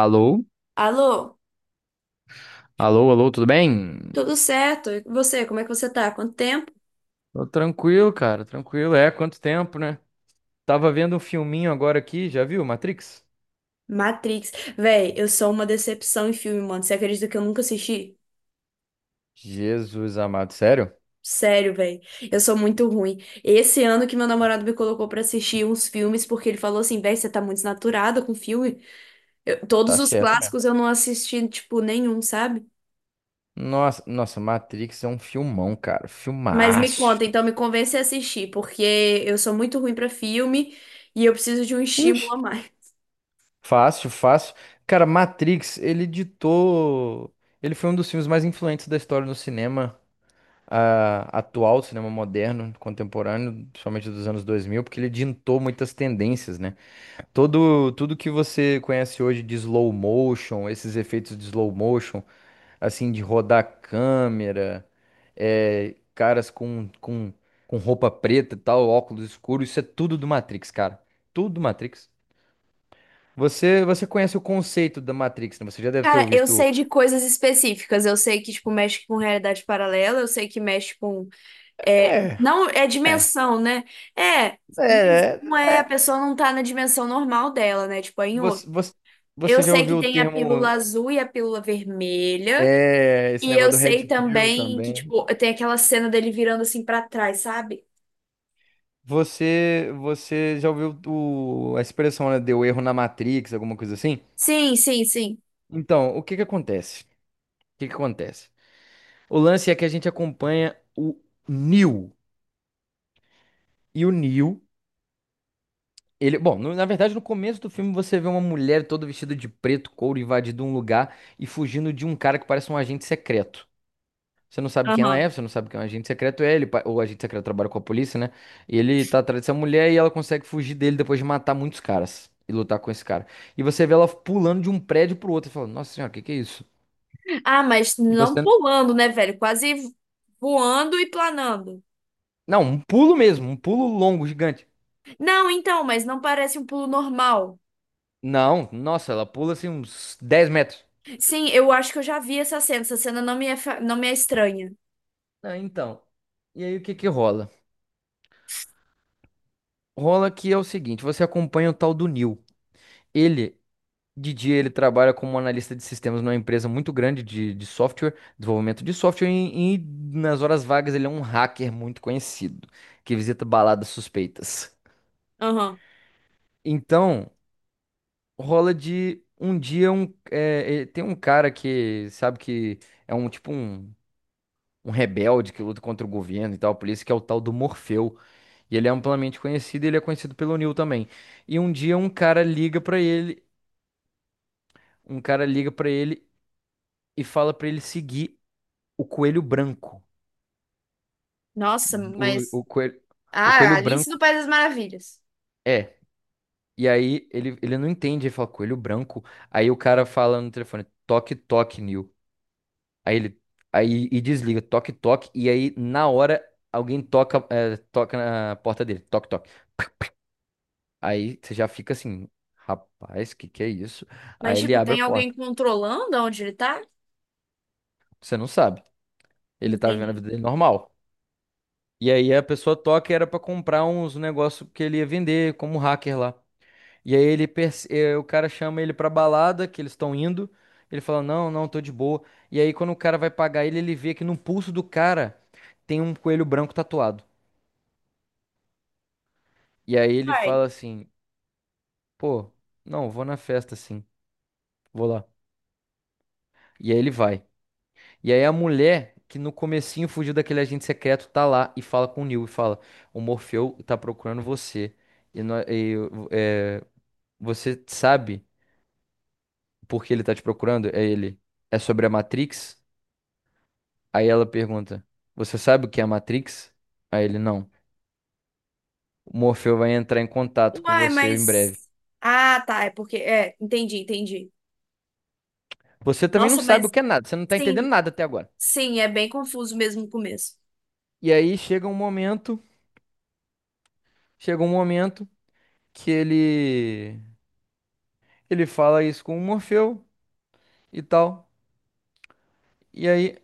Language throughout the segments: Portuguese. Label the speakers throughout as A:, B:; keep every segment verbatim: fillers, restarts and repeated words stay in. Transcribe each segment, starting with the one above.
A: Alô?
B: Alô,
A: Alô, alô, tudo bem?
B: tudo certo? E você, como é que você tá? Quanto tempo?
A: Tô tranquilo, cara, tranquilo. É, quanto tempo, né? Tava vendo um filminho agora aqui, já viu Matrix?
B: Matrix. Véi, eu sou uma decepção em filme, mano. Você acredita que eu nunca assisti?
A: Jesus amado, sério?
B: Sério, véi. Eu sou muito ruim. Esse ano que meu namorado me colocou pra assistir uns filmes, porque ele falou assim, véi, você tá muito desnaturada com filme. Eu-
A: Tá
B: todos os
A: certo mesmo.
B: clássicos eu não assisti, tipo, nenhum, sabe?
A: Nossa, nossa, Matrix é um filmão, cara,
B: Mas me
A: filmaço.
B: conta, então me convence a assistir, porque eu sou muito ruim pra filme e eu preciso de um estímulo
A: Ixi,
B: a mais.
A: fácil, fácil. Cara, Matrix, ele ditou. Ele foi um dos filmes mais influentes da história do cinema ah, atual, cinema moderno, contemporâneo, principalmente dos anos dois mil, porque ele ditou muitas tendências, né? Todo, tudo que você conhece hoje de slow motion, esses efeitos de slow motion, assim, de rodar a câmera, é, caras com, com, com roupa preta e tal, óculos escuros, isso é tudo do Matrix, cara. Tudo do Matrix. Você, você conhece o conceito da Matrix, né? Você já deve ter
B: Cara, eu
A: ouvido.
B: sei de coisas específicas. Eu sei que, tipo, mexe com realidade paralela. Eu sei que mexe com... É,
A: É,
B: não, é
A: é,
B: dimensão, né? É, mas
A: é,
B: não é... A
A: é.
B: pessoa não tá na dimensão normal dela, né? Tipo, é em outra.
A: Você, você,
B: Eu
A: você já
B: sei que
A: ouviu o
B: tem a pílula
A: termo.
B: azul e a pílula vermelha.
A: É, esse
B: E eu
A: negócio do Red
B: sei
A: Pill
B: também que,
A: também.
B: tipo, tem aquela cena dele virando assim pra trás, sabe?
A: Você, você já ouviu o- a expressão, né? Deu erro na Matrix, alguma coisa assim?
B: Sim, sim, sim.
A: Então, o que que acontece? O que que acontece? O lance é que a gente acompanha o Neo. E o Neo, ele... Bom, no- na verdade, no começo do filme você vê uma mulher toda vestida de preto, couro, invadindo um lugar e fugindo de um cara que parece um agente secreto. Você não sabe quem ela
B: Aham.
A: é, você não sabe quem é um agente secreto é, ele, pa- o agente secreto trabalha com a polícia, né? E ele tá atrás dessa mulher e ela consegue fugir dele depois de matar muitos caras e lutar com esse cara. E você vê ela pulando de um prédio pro outro e fala, nossa senhora, o que que é isso?
B: Ah, mas
A: E
B: não
A: você.
B: pulando, né, velho? Quase voando e planando.
A: Não, um pulo mesmo, um pulo longo, gigante.
B: Não, então, mas não parece um pulo normal.
A: Não, nossa, ela pula assim uns dez metros.
B: Sim, eu acho que eu já vi essa cena. Essa cena não me é, fa- não me é estranha.
A: Ah, então. E aí o que que rola? Rola que é o seguinte, você acompanha o tal do Neil. Ele De dia ele trabalha como analista de sistemas numa empresa muito grande de, de software, desenvolvimento de software, e, e nas horas vagas ele é um hacker muito conhecido, que visita baladas suspeitas.
B: Aham.
A: Então, rola de um dia um, é, é, tem um cara que sabe que é um tipo um, um rebelde que luta contra o governo e tal, por isso que é o tal do Morfeu. E ele é amplamente conhecido, e ele é conhecido pelo Neil também. E um dia um cara liga pra ele, um cara liga para ele e fala pra ele seguir o coelho branco.
B: Nossa,
A: O,
B: mas.
A: o coelho, o
B: Ah,
A: coelho
B: Alice do
A: branco.
B: País das Maravilhas.
A: É. E aí ele, ele não entende, ele fala, coelho branco. Aí o cara fala no telefone, toque, toque, Neil. Aí ele aí, e desliga, toque, toque. E aí, na hora, alguém toca, é, toca na porta dele, toque, toque. Aí você já fica assim, rapaz, que que é isso?
B: Mas,
A: Aí ele
B: tipo,
A: abre a
B: tem alguém
A: porta.
B: controlando onde ele tá?
A: Você não sabe. Ele tá vivendo a
B: Entendi.
A: vida dele normal. E aí a pessoa toca e era pra comprar uns negócio que ele ia vender como hacker lá. E aí ele perce- eh, o cara chama ele pra balada que eles estão indo. Ele fala: "Não, não, tô de boa". E aí quando o cara vai pagar ele, ele vê que no pulso do cara tem um coelho branco tatuado. E aí ele
B: Uai.
A: fala assim: "Pô, não, vou na festa sim. Vou lá". E aí ele vai. E aí a mulher que no comecinho fugiu daquele agente secreto tá lá e fala com o Neo e fala: "O Morfeu tá procurando você. E, nó- e, eh, Você sabe por que ele tá te procurando?" É ele. É sobre a Matrix? Aí ela pergunta: Você sabe o que é a Matrix? Aí ele: Não. O Morfeu vai entrar em contato com
B: Uai,
A: você em
B: mas.
A: breve.
B: Ah, tá. É porque. É, entendi, entendi.
A: Você também não
B: Nossa,
A: sabe o
B: mas
A: que é nada, você não tá
B: sim,
A: entendendo nada até agora.
B: sim, é bem confuso mesmo no começo.
A: E aí chega um momento, chega um momento que ele ele fala isso com o Morfeu e tal. E aí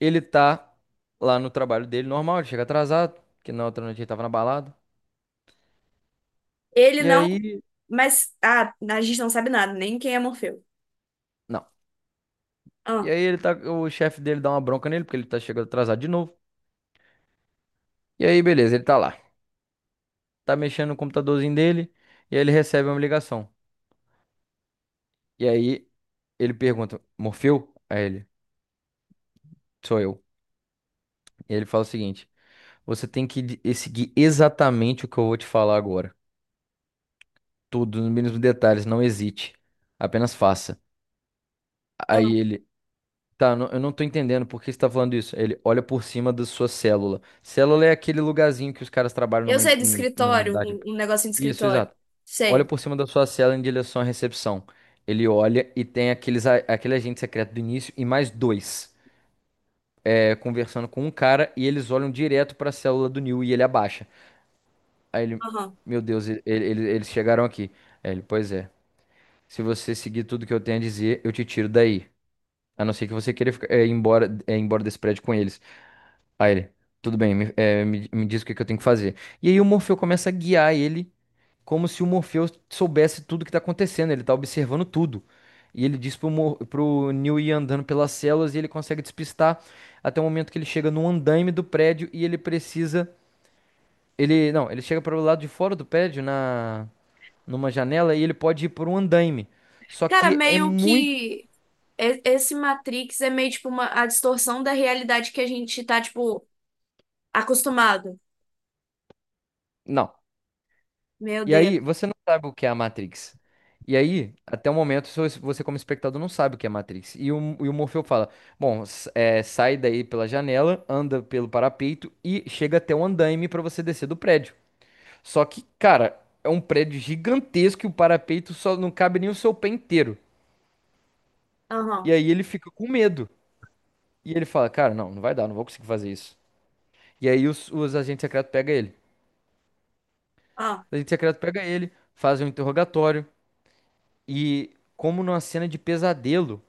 A: ele tá lá no trabalho dele normal, ele chega atrasado, porque na outra noite ele tava na balada.
B: Ele
A: E
B: não.
A: aí,
B: Mas. Ah, a gente não sabe nada, nem quem é Morfeu.
A: não. E
B: Ah,
A: aí ele tá, o chefe dele dá uma bronca nele porque ele tá chegando atrasado de novo. E aí, beleza, ele tá lá. tá mexendo no computadorzinho dele e aí ele recebe uma ligação. E aí ele pergunta: Morfeu? Aí ele: Sou eu. E ele fala o seguinte: Você tem que de- seguir exatamente o que eu vou te falar agora. Tudo, nos mínimos detalhes, não hesite. Apenas faça.
B: ah.
A: Aí ele: Tá, não- eu não tô entendendo por que você tá falando isso. Aí Ele olha por cima da sua célula. Célula é aquele lugarzinho que os caras trabalham
B: Eu
A: numa, em,
B: sei do
A: em- num
B: escritório,
A: andar de.
B: um, um negocinho de
A: Isso,
B: escritório.
A: exato. olha
B: Sei.
A: por cima da sua cela em direção à recepção. Ele olha e tem aqueles, a- aquele agente secreto do início e mais dois é, conversando com um cara e eles olham direto pra célula do Neil e ele abaixa. Aí ele,
B: Aham.
A: meu Deus, ele- ele- ele- eles chegaram aqui. Aí ele, pois é. Se você seguir tudo que eu tenho a dizer, eu te tiro daí. A não ser que você queira ficar, é, ir embora, é, ir embora desse prédio com eles. Aí ele, tudo bem, me, é, me- me diz o que que eu tenho que fazer. E aí o Morfeu começa a guiar ele, como se o Morfeu soubesse tudo que tá acontecendo, ele tá observando tudo. E ele diz pro, Mor pro Neo ir andando pelas celas e ele consegue despistar até o momento que ele chega no andaime do prédio e ele precisa. Ele, não, ele chega para o lado de fora do prédio, na, numa janela, e ele pode ir por um andaime. Só
B: Cara,
A: que é
B: meio
A: muito.
B: que e- esse Matrix é meio tipo uma a distorção da realidade que a gente tá, tipo, acostumado.
A: Não.
B: Meu
A: E aí,
B: Deus.
A: você não sabe o que é a Matrix. E aí, até o momento, so- você como espectador não sabe o que é a Matrix. E o, e o Morfeu fala, bom, s- é, sai daí pela janela, anda pelo parapeito e chega até o andaime pra você descer do prédio. Só que, cara, é um prédio gigantesco e o parapeito só não cabe nem o seu pé inteiro. E
B: Aham.
A: aí ele fica com medo. E ele fala, cara, não, não vai dar, não vou conseguir fazer isso. E aí os, os agentes secretos pegam ele.
B: Ah.
A: Os agentes secretos pegam ele, fazem um interrogatório e, como numa cena de pesadelo...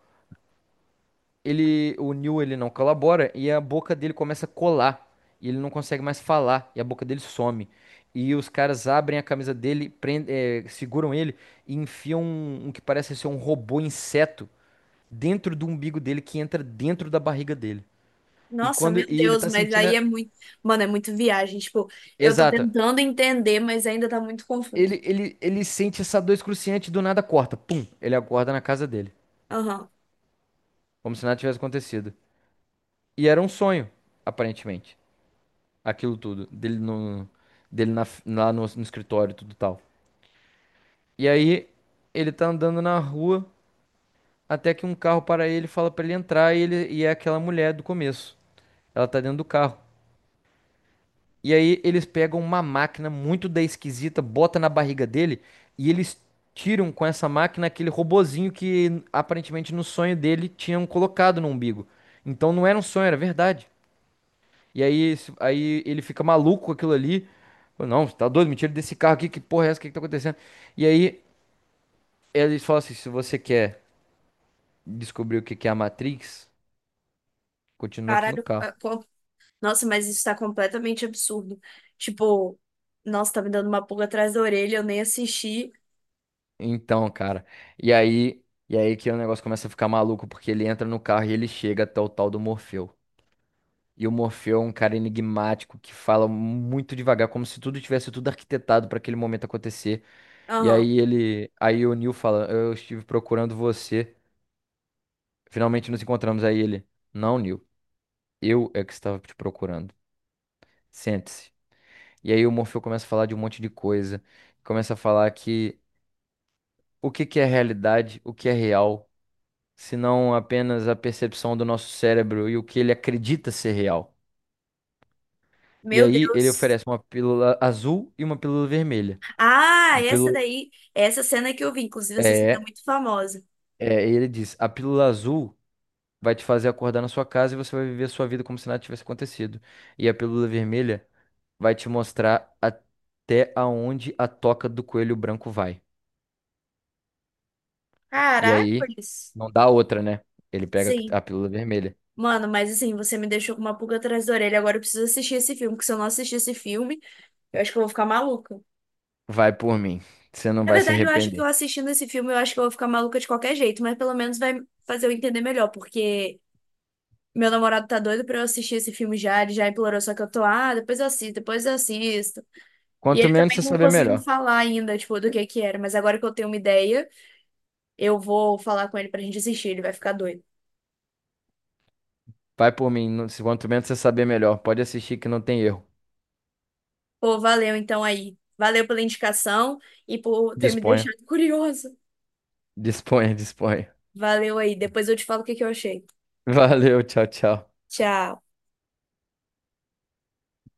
A: ele, o Neil, ele não colabora e a boca dele começa a colar. E ele não consegue mais falar e a boca dele some. E os caras abrem a camisa dele, prende- eh, seguram ele e enfiam um, um que parece ser um robô inseto dentro do umbigo dele que entra dentro da barriga dele. E
B: Nossa,
A: quando
B: meu
A: e ele
B: Deus,
A: tá
B: mas
A: sentindo,
B: aí
A: a-
B: é muito. Mano, é muito viagem. Tipo, eu tô
A: exato.
B: tentando entender, mas ainda tá muito confuso.
A: Ele, ele, ele, sente essa dor excruciante e do nada corta. Pum, ele acorda na casa dele,
B: Aham.
A: como se nada tivesse acontecido. E era um sonho, aparentemente. Aquilo tudo, dele no, dele na, lá no, no escritório, e tudo tal. E aí ele tá andando na rua até que um carro para ele, e fala pra ele entrar e ele e é aquela mulher do começo. Ela tá dentro do carro. E aí eles pegam uma máquina muito da esquisita, bota na barriga dele e eles tiram com essa máquina aquele robozinho que aparentemente no sonho dele tinham colocado no umbigo. Então não era um sonho, era verdade. E aí, esse- aí ele fica maluco com aquilo ali. Fala, não, você tá doido? Me tira desse carro aqui, que porra é essa? O que que tá acontecendo? E aí eles falam assim: se você quer descobrir o que que é a Matrix, continua aqui no
B: Caralho. é,
A: carro.
B: co- Nossa, mas isso tá completamente absurdo. Tipo, nossa, tá me dando uma pulga atrás da orelha, eu nem assisti.
A: Então, cara. E aí, e aí que o negócio começa a ficar maluco, porque ele entra no carro e ele chega até o tal do Morfeu. E o Morfeu é um cara enigmático que fala muito devagar, como se tudo tivesse tudo arquitetado para aquele momento acontecer. E
B: Aham.
A: aí ele, aí o Neo fala, eu estive procurando você. Finalmente nos encontramos. Aí ele, não, Neil, eu é que estava te procurando. Sente-se. E aí o Morfeu começa a falar de um monte de coisa. Começa a falar que o que que é realidade, o que é real, se não apenas a percepção do nosso cérebro e o que ele acredita ser real. E
B: Meu
A: aí ele
B: Deus.
A: oferece uma pílula azul e uma pílula vermelha.
B: Ah,
A: A
B: essa
A: pílula
B: daí, essa cena que eu vi, inclusive essa cena é
A: é,
B: muito famosa.
A: é, ele diz, a pílula azul vai te fazer acordar na sua casa e você vai viver a sua vida como se nada tivesse acontecido. E a pílula vermelha vai te mostrar até aonde a toca do coelho branco vai. E aí,
B: Caracoles.
A: não dá outra, né? Ele pega
B: Sim.
A: a pílula vermelha.
B: Mano, mas assim, você me deixou com uma pulga atrás da orelha. Agora eu preciso assistir esse filme, porque se eu não assistir esse filme, eu acho que eu vou ficar maluca.
A: Vai por mim, você não
B: Na
A: vai se
B: verdade, eu acho que eu
A: arrepender.
B: assistindo esse filme, eu acho que eu vou ficar maluca de qualquer jeito, mas pelo menos vai fazer eu entender melhor, porque meu namorado tá doido pra eu assistir esse filme já, ele já implorou, só que eu tô, ah, depois eu assisto, depois eu assisto. E
A: Quanto
B: ele
A: menos
B: também
A: você
B: não
A: saber,
B: conseguiu me
A: melhor.
B: falar ainda, tipo, do que que era, mas agora que eu tenho uma ideia. Eu vou falar com ele pra gente assistir, ele vai ficar doido.
A: Vai por mim, não- se- quanto menos você saber, melhor. Pode assistir que não tem erro.
B: Pô, valeu então aí. Valeu pela indicação e por ter me
A: Disponha,
B: deixado curiosa.
A: disponha, disponha.
B: Valeu aí. Depois eu te falo o que que eu achei.
A: Valeu, tchau, tchau.
B: Tchau.